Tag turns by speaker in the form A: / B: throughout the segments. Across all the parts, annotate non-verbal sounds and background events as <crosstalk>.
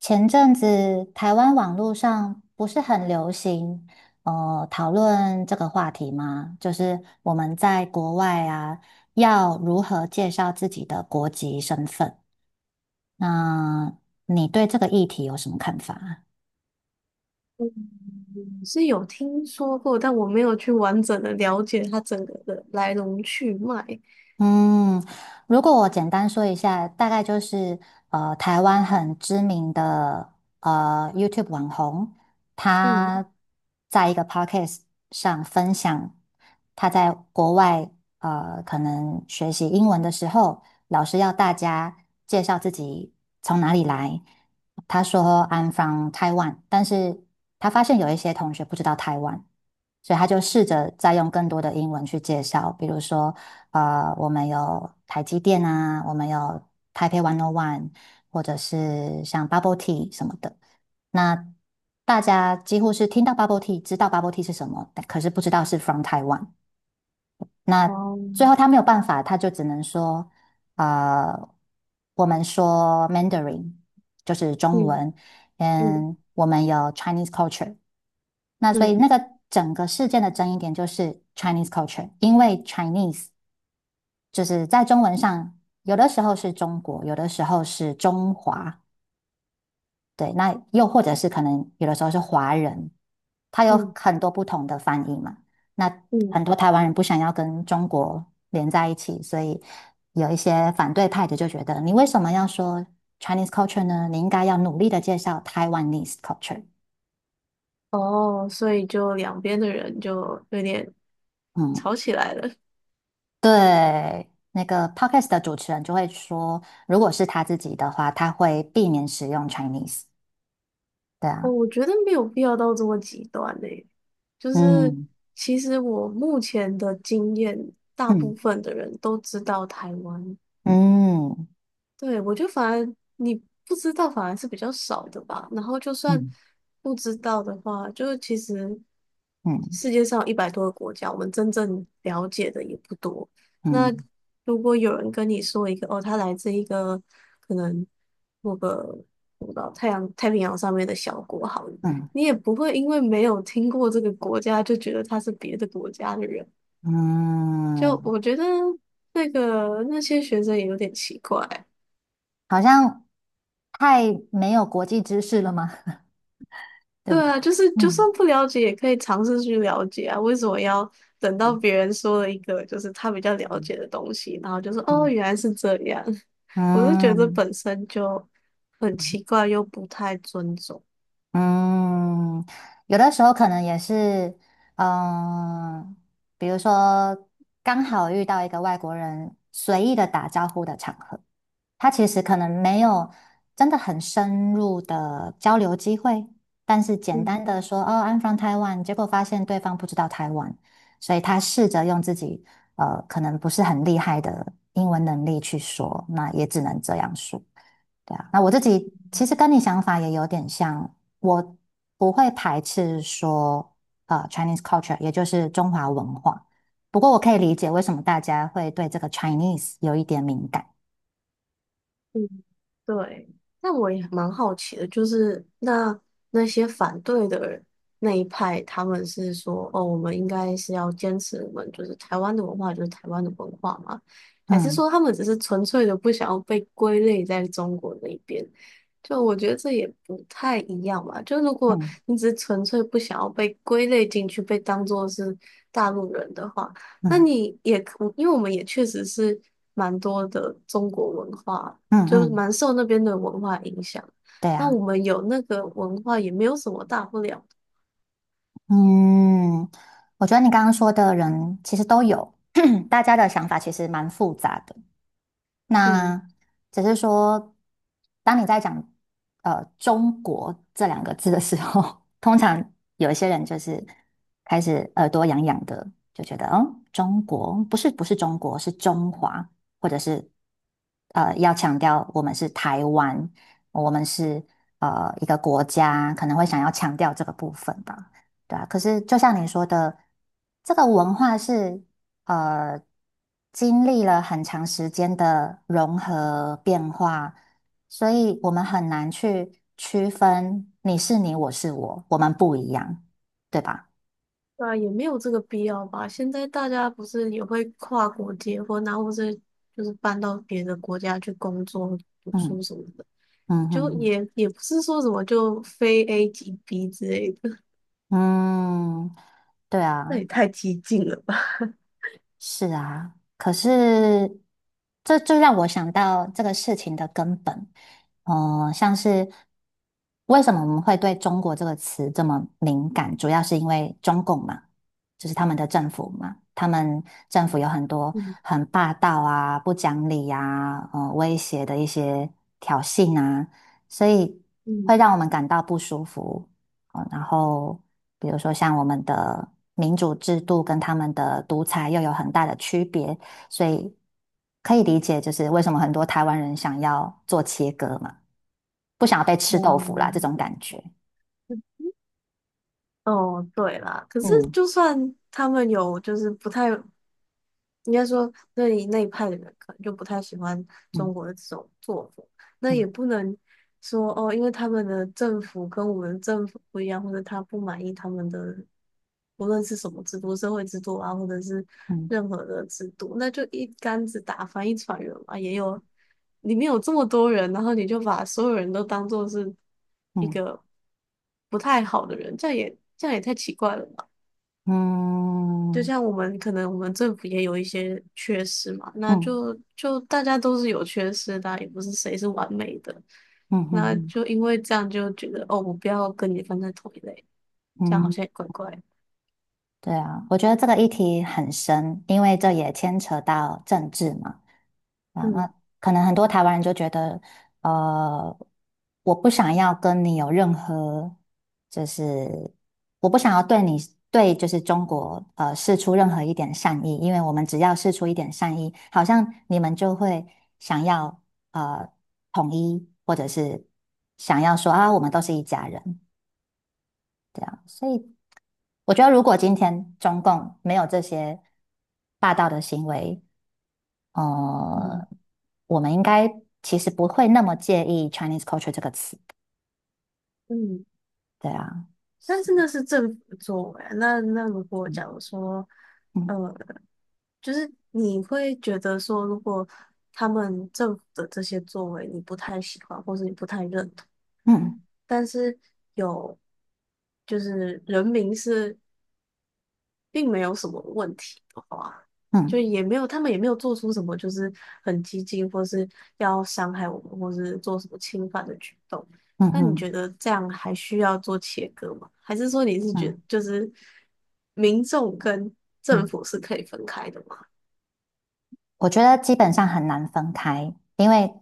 A: 前阵子台湾网络上不是很流行，讨论这个话题吗？就是我们在国外啊，要如何介绍自己的国籍身份？那你对这个议题有什么看法啊？
B: 嗯，是有听说过，但我没有去完整的了解它整个的来龙去脉。
A: 嗯，如果我简单说一下，大概就是台湾很知名的YouTube 网红，
B: 嗯。
A: 他在一个 podcast 上分享他在国外可能学习英文的时候，老师要大家介绍自己从哪里来。他说 "I'm from Taiwan"，但是他发现有一些同学不知道台湾。所以他就试着再用更多的英文去介绍，比如说我们有台积电啊，我们有台北 101，或者是像 Bubble Tea 什么的。那大家几乎是听到 Bubble Tea，知道 Bubble Tea 是什么，但可是不知道是 from Taiwan。那
B: 哦。
A: 最后他没有办法，他就只能说，呃，我们说 Mandarin 就是中
B: 嗯
A: 文，
B: 嗯
A: 嗯，我们有 Chinese culture。那所以那
B: 嗯
A: 个整个事件的争议点就是 Chinese culture，因为 Chinese。就是在中文上，有的时候是中国，有的时候是中华，对，那又或者是可能有的时候是华人，它有
B: 嗯
A: 很多不同的翻译嘛。那
B: 嗯。
A: 很多台湾人不想要跟中国连在一起，所以有一些反对派的就觉得，你为什么要说 Chinese culture 呢？你应该要努力的介绍 Taiwanese culture。
B: 哦，所以就两边的人就有点
A: 嗯，
B: 吵起来了。
A: 对。那个 podcast 的主持人就会说，如果是他自己的话，他会避免使用 Chinese。对
B: 哦，
A: 啊。
B: 我觉得没有必要到这么极端呢，就是
A: 嗯
B: 其实我目前的经验，大
A: 嗯
B: 部分的人都知道台湾。
A: 嗯
B: 对，我就反而你不知道反而是比较少的吧。然后就算
A: 嗯
B: 不知道的话，就是其实
A: 嗯
B: 世界上100多个国家，我们真正了解的也不多。那
A: 嗯
B: 如果有人跟你说一个哦，他来自一个可能某个我不知道太阳太平洋上面的小国好了，
A: 嗯
B: 你也不会因为没有听过这个国家就觉得他是别的国家的人。
A: 嗯，
B: 就我觉得那个那些学生也有点奇怪。
A: 好像太没有国际知识了吗？<laughs> 对
B: 对
A: 不对？
B: 啊，就是就
A: 嗯
B: 算不了解，也可以尝试去了解啊。为什么要等到
A: 嗯
B: 别人说了一个就是他比较了解的东西，然后就说哦，
A: 嗯
B: 原来是这样？
A: 嗯
B: <laughs> 我就觉得
A: 嗯
B: 本身就很奇怪，又不太尊重。
A: 嗯，有的时候可能也是，嗯，比如说刚好遇到一个外国人随意的打招呼的场合。他其实可能没有真的很深入的交流机会，但是简
B: 嗯。
A: 单的说哦，I'm from Taiwan，结果发现对方不知道台湾，所以他试着用自己可能不是很厉害的英文能力去说，那也只能这样说。对啊，那我自己其实跟你想法也有点像，我不会排斥说Chinese culture，也就是中华文化，不过我可以理解为什么大家会对这个 Chinese 有一点敏感。
B: 对，那我也蛮好奇的，就是那些反对的人那一派，他们是说，哦，我们应该是要坚持我们就是台湾的文化，就是台湾的文化嘛？还是
A: 嗯。
B: 说他们只是纯粹的不想要被归类在中国那边？就我觉得这也不太一样吧。就如果
A: 嗯
B: 你只是纯粹不想要被归类进去，被当做是大陆人的话，那
A: 嗯
B: 你也可，因为我们也确实是蛮多的中国文化。
A: 嗯嗯，
B: 就是
A: 嗯
B: 蛮受那边的文化影响。
A: 对
B: 那
A: 啊，
B: 我们有那个文化也没有什么大不了的。
A: 嗯，我觉得你刚刚说的人其实都有，<clears throat> 大家的想法其实蛮复杂的。
B: 嗯。
A: 那只是说，当你在讲“中国"这两个字的时候，<laughs> 通常有一些人就是开始耳朵痒痒的，就觉得中国不是中国，是中华，或者是要强调我们是台湾，我们是一个国家，可能会想要强调这个部分吧。对啊，可是就像你说的，这个文化是呃，经历了很长时间的融合变化，所以我们很难去区分你是你，我是我，我们不一样，对吧？
B: 对啊，也没有这个必要吧。现在大家不是也会跨国结婚啊，或是就是搬到别的国家去工作、读书
A: 嗯
B: 什么的，
A: 嗯
B: 就
A: 嗯
B: 也不是说什么就非 A 即 B 之类的，
A: 嗯，嗯对
B: <laughs> 那也
A: 啊。
B: 太激进了吧。<laughs>
A: 是啊，可是这就让我想到这个事情的根本，像是为什么我们会对中国这个词这么敏感，主要是因为中共嘛，就是他们的政府嘛，他们政府有很多
B: 嗯
A: 很霸道啊、不讲理呀、威胁的一些挑衅啊，所以会
B: 嗯
A: 让我们感到不舒服。哦，然后比如说像我们的民主制度跟他们的独裁又有很大的区别，所以可以理解就是为什么很多台湾人想要做切割嘛，不想要被吃豆腐啦这
B: 嗯。
A: 种感觉。
B: 哦，对啦，可是
A: 嗯
B: 就算他们有就是不太应该说那一派的人可能就不太喜欢中
A: 嗯
B: 国的这种作风。那
A: 嗯
B: 也不能说哦，因为他们的政府跟我们政府不一样，或者他不满意他们的无论是什么制度、社会制度啊，或者是
A: 嗯
B: 任何的制度，那就一竿子打翻一船人嘛。也有里面有这么多人，然后你就把所有人都当做是一
A: 嗯
B: 个不太好的人，这样也太奇怪了吧？就
A: 嗯
B: 像我们可能我们政府也有一些缺失嘛，那
A: 嗯
B: 就大家都是有缺失的啊也不是谁是完美的，
A: 嗯
B: 那
A: 嗯
B: 就因为这样就觉得哦，我不要跟你放在同一类，这样好
A: 嗯，
B: 像也怪怪的。
A: 对啊，我觉得这个议题很深，因为这也牵扯到政治嘛。啊，那
B: 嗯
A: 可能很多台湾人就觉得，呃，我不想要跟你有任何，就是我不想要对你对就是中国示出任何一点善意，因为我们只要示出一点善意，好像你们就会想要呃统一，或者是想要说啊，我们都是一家人，这样，所以我觉得如果今天中共没有这些霸道的行为，呃，
B: 嗯
A: 我们应该其实不会那么介意 Chinese culture 这个词，
B: 嗯。
A: 对啊，
B: 但
A: 是
B: 是那是政府的作为啊那如果假
A: 嗯
B: 如说，
A: 嗯
B: 呃，就是你会觉得说，如果他们政府的这些作为你不太喜欢，或是你不太认同。
A: 嗯
B: 但是有就是人民是并没有什么问题的话，就
A: 嗯
B: 也没有他们也没有做出什么就是很激进或是要伤害我们或是做什么侵犯的举动。
A: 嗯嗯
B: 那你觉
A: 嗯
B: 得这样还需要做切割吗？还是说你是觉
A: 嗯
B: 就是民众跟政
A: 嗯。
B: 府是可以分开的吗？
A: 我觉得基本上很难分开，因为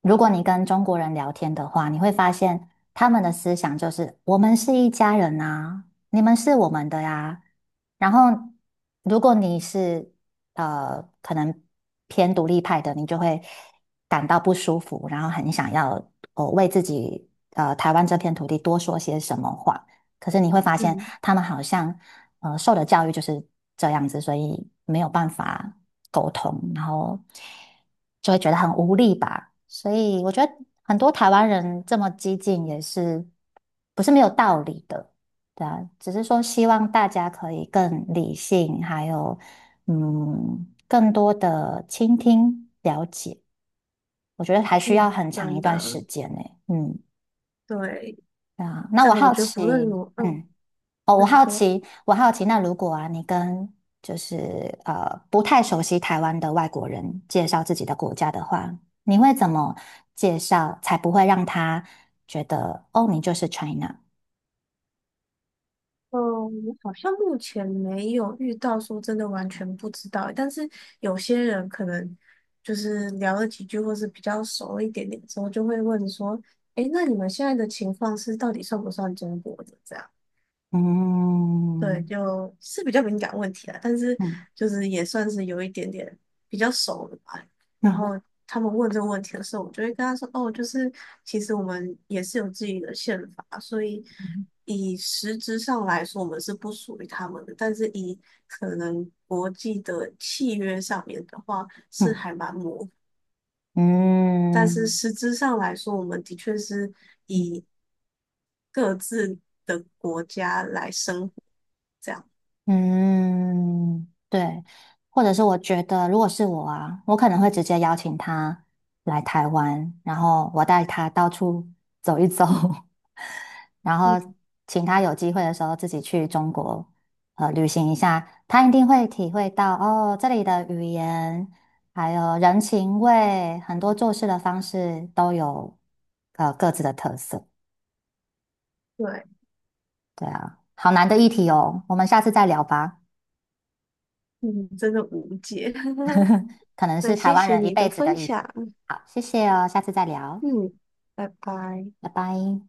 A: 如果你跟中国人聊天的话，你会发现他们的思想就是我们是一家人啊，你们是我们的呀。然后，如果你是可能偏独立派的，你就会感到不舒服，然后很想要哦为自己台湾这片土地多说些什么话。可是你会发现，
B: 嗯
A: 他们好像受的教育就是这样子，所以没有办法沟通，然后就会觉得很无力吧。所以我觉得很多台湾人这么激进也是不是没有道理的，对啊，只是说希望大家可以更理性，还有更多的倾听了解，我觉得还需
B: 嗯，
A: 要很长一
B: 真
A: 段
B: 的，
A: 时间呢。嗯，
B: 对。
A: 对啊，那
B: 这
A: 我
B: 样我
A: 好
B: 觉得
A: 奇，
B: 不论如，
A: 嗯。哦，
B: 那
A: 我
B: 你
A: 好
B: 说。
A: 奇，我好奇，那如果啊，你跟就是不太熟悉台湾的外国人介绍自己的国家的话，你会怎么介绍才不会让他觉得哦，你就是 China？
B: 嗯，我好像目前没有遇到说真的完全不知道，但是有些人可能就是聊了几句，或是比较熟一点点之后，就会问说：“诶，那你们现在的情况是到底算不算中国的？”对，
A: 嗯
B: 就是比较敏感问题啦，但是
A: 嗯
B: 就是也算是有一点点比较熟了吧。然
A: 嗯
B: 后他们问这个问题的时候，我就会跟他说：“哦，就是其实我们也是有自己的宪法，所以
A: 嗯
B: 以实质上来说，我们是不属于他们的。但是以可能国际的契约上面的话，
A: 嗯
B: 是
A: 嗯
B: 还蛮模糊。
A: 嗯。
B: 但是
A: 嗯
B: 实质上来说，我们的确是
A: 嗯
B: 以各自的国家来生活这样。”
A: 嗯，对，或者是我觉得，如果是我啊，我可能会直接邀请他来台湾，然后我带他到处走一走，<laughs> 然后
B: 嗯，
A: 请他有机会的时候自己去中国旅行一下，他一定会体会到哦这里的语言，还有人情味，很多做事的方式都有各自的特色。
B: 对，
A: 对啊，好难的一题哦，我们下次再聊吧。
B: 嗯，真的无解。<laughs>
A: 可能
B: 那
A: 是台
B: 谢
A: 湾
B: 谢
A: 人一
B: 你
A: 辈
B: 的
A: 子的
B: 分
A: 议题。
B: 享，
A: 好，谢谢哦，下次再聊，
B: 嗯，拜拜。
A: 拜拜。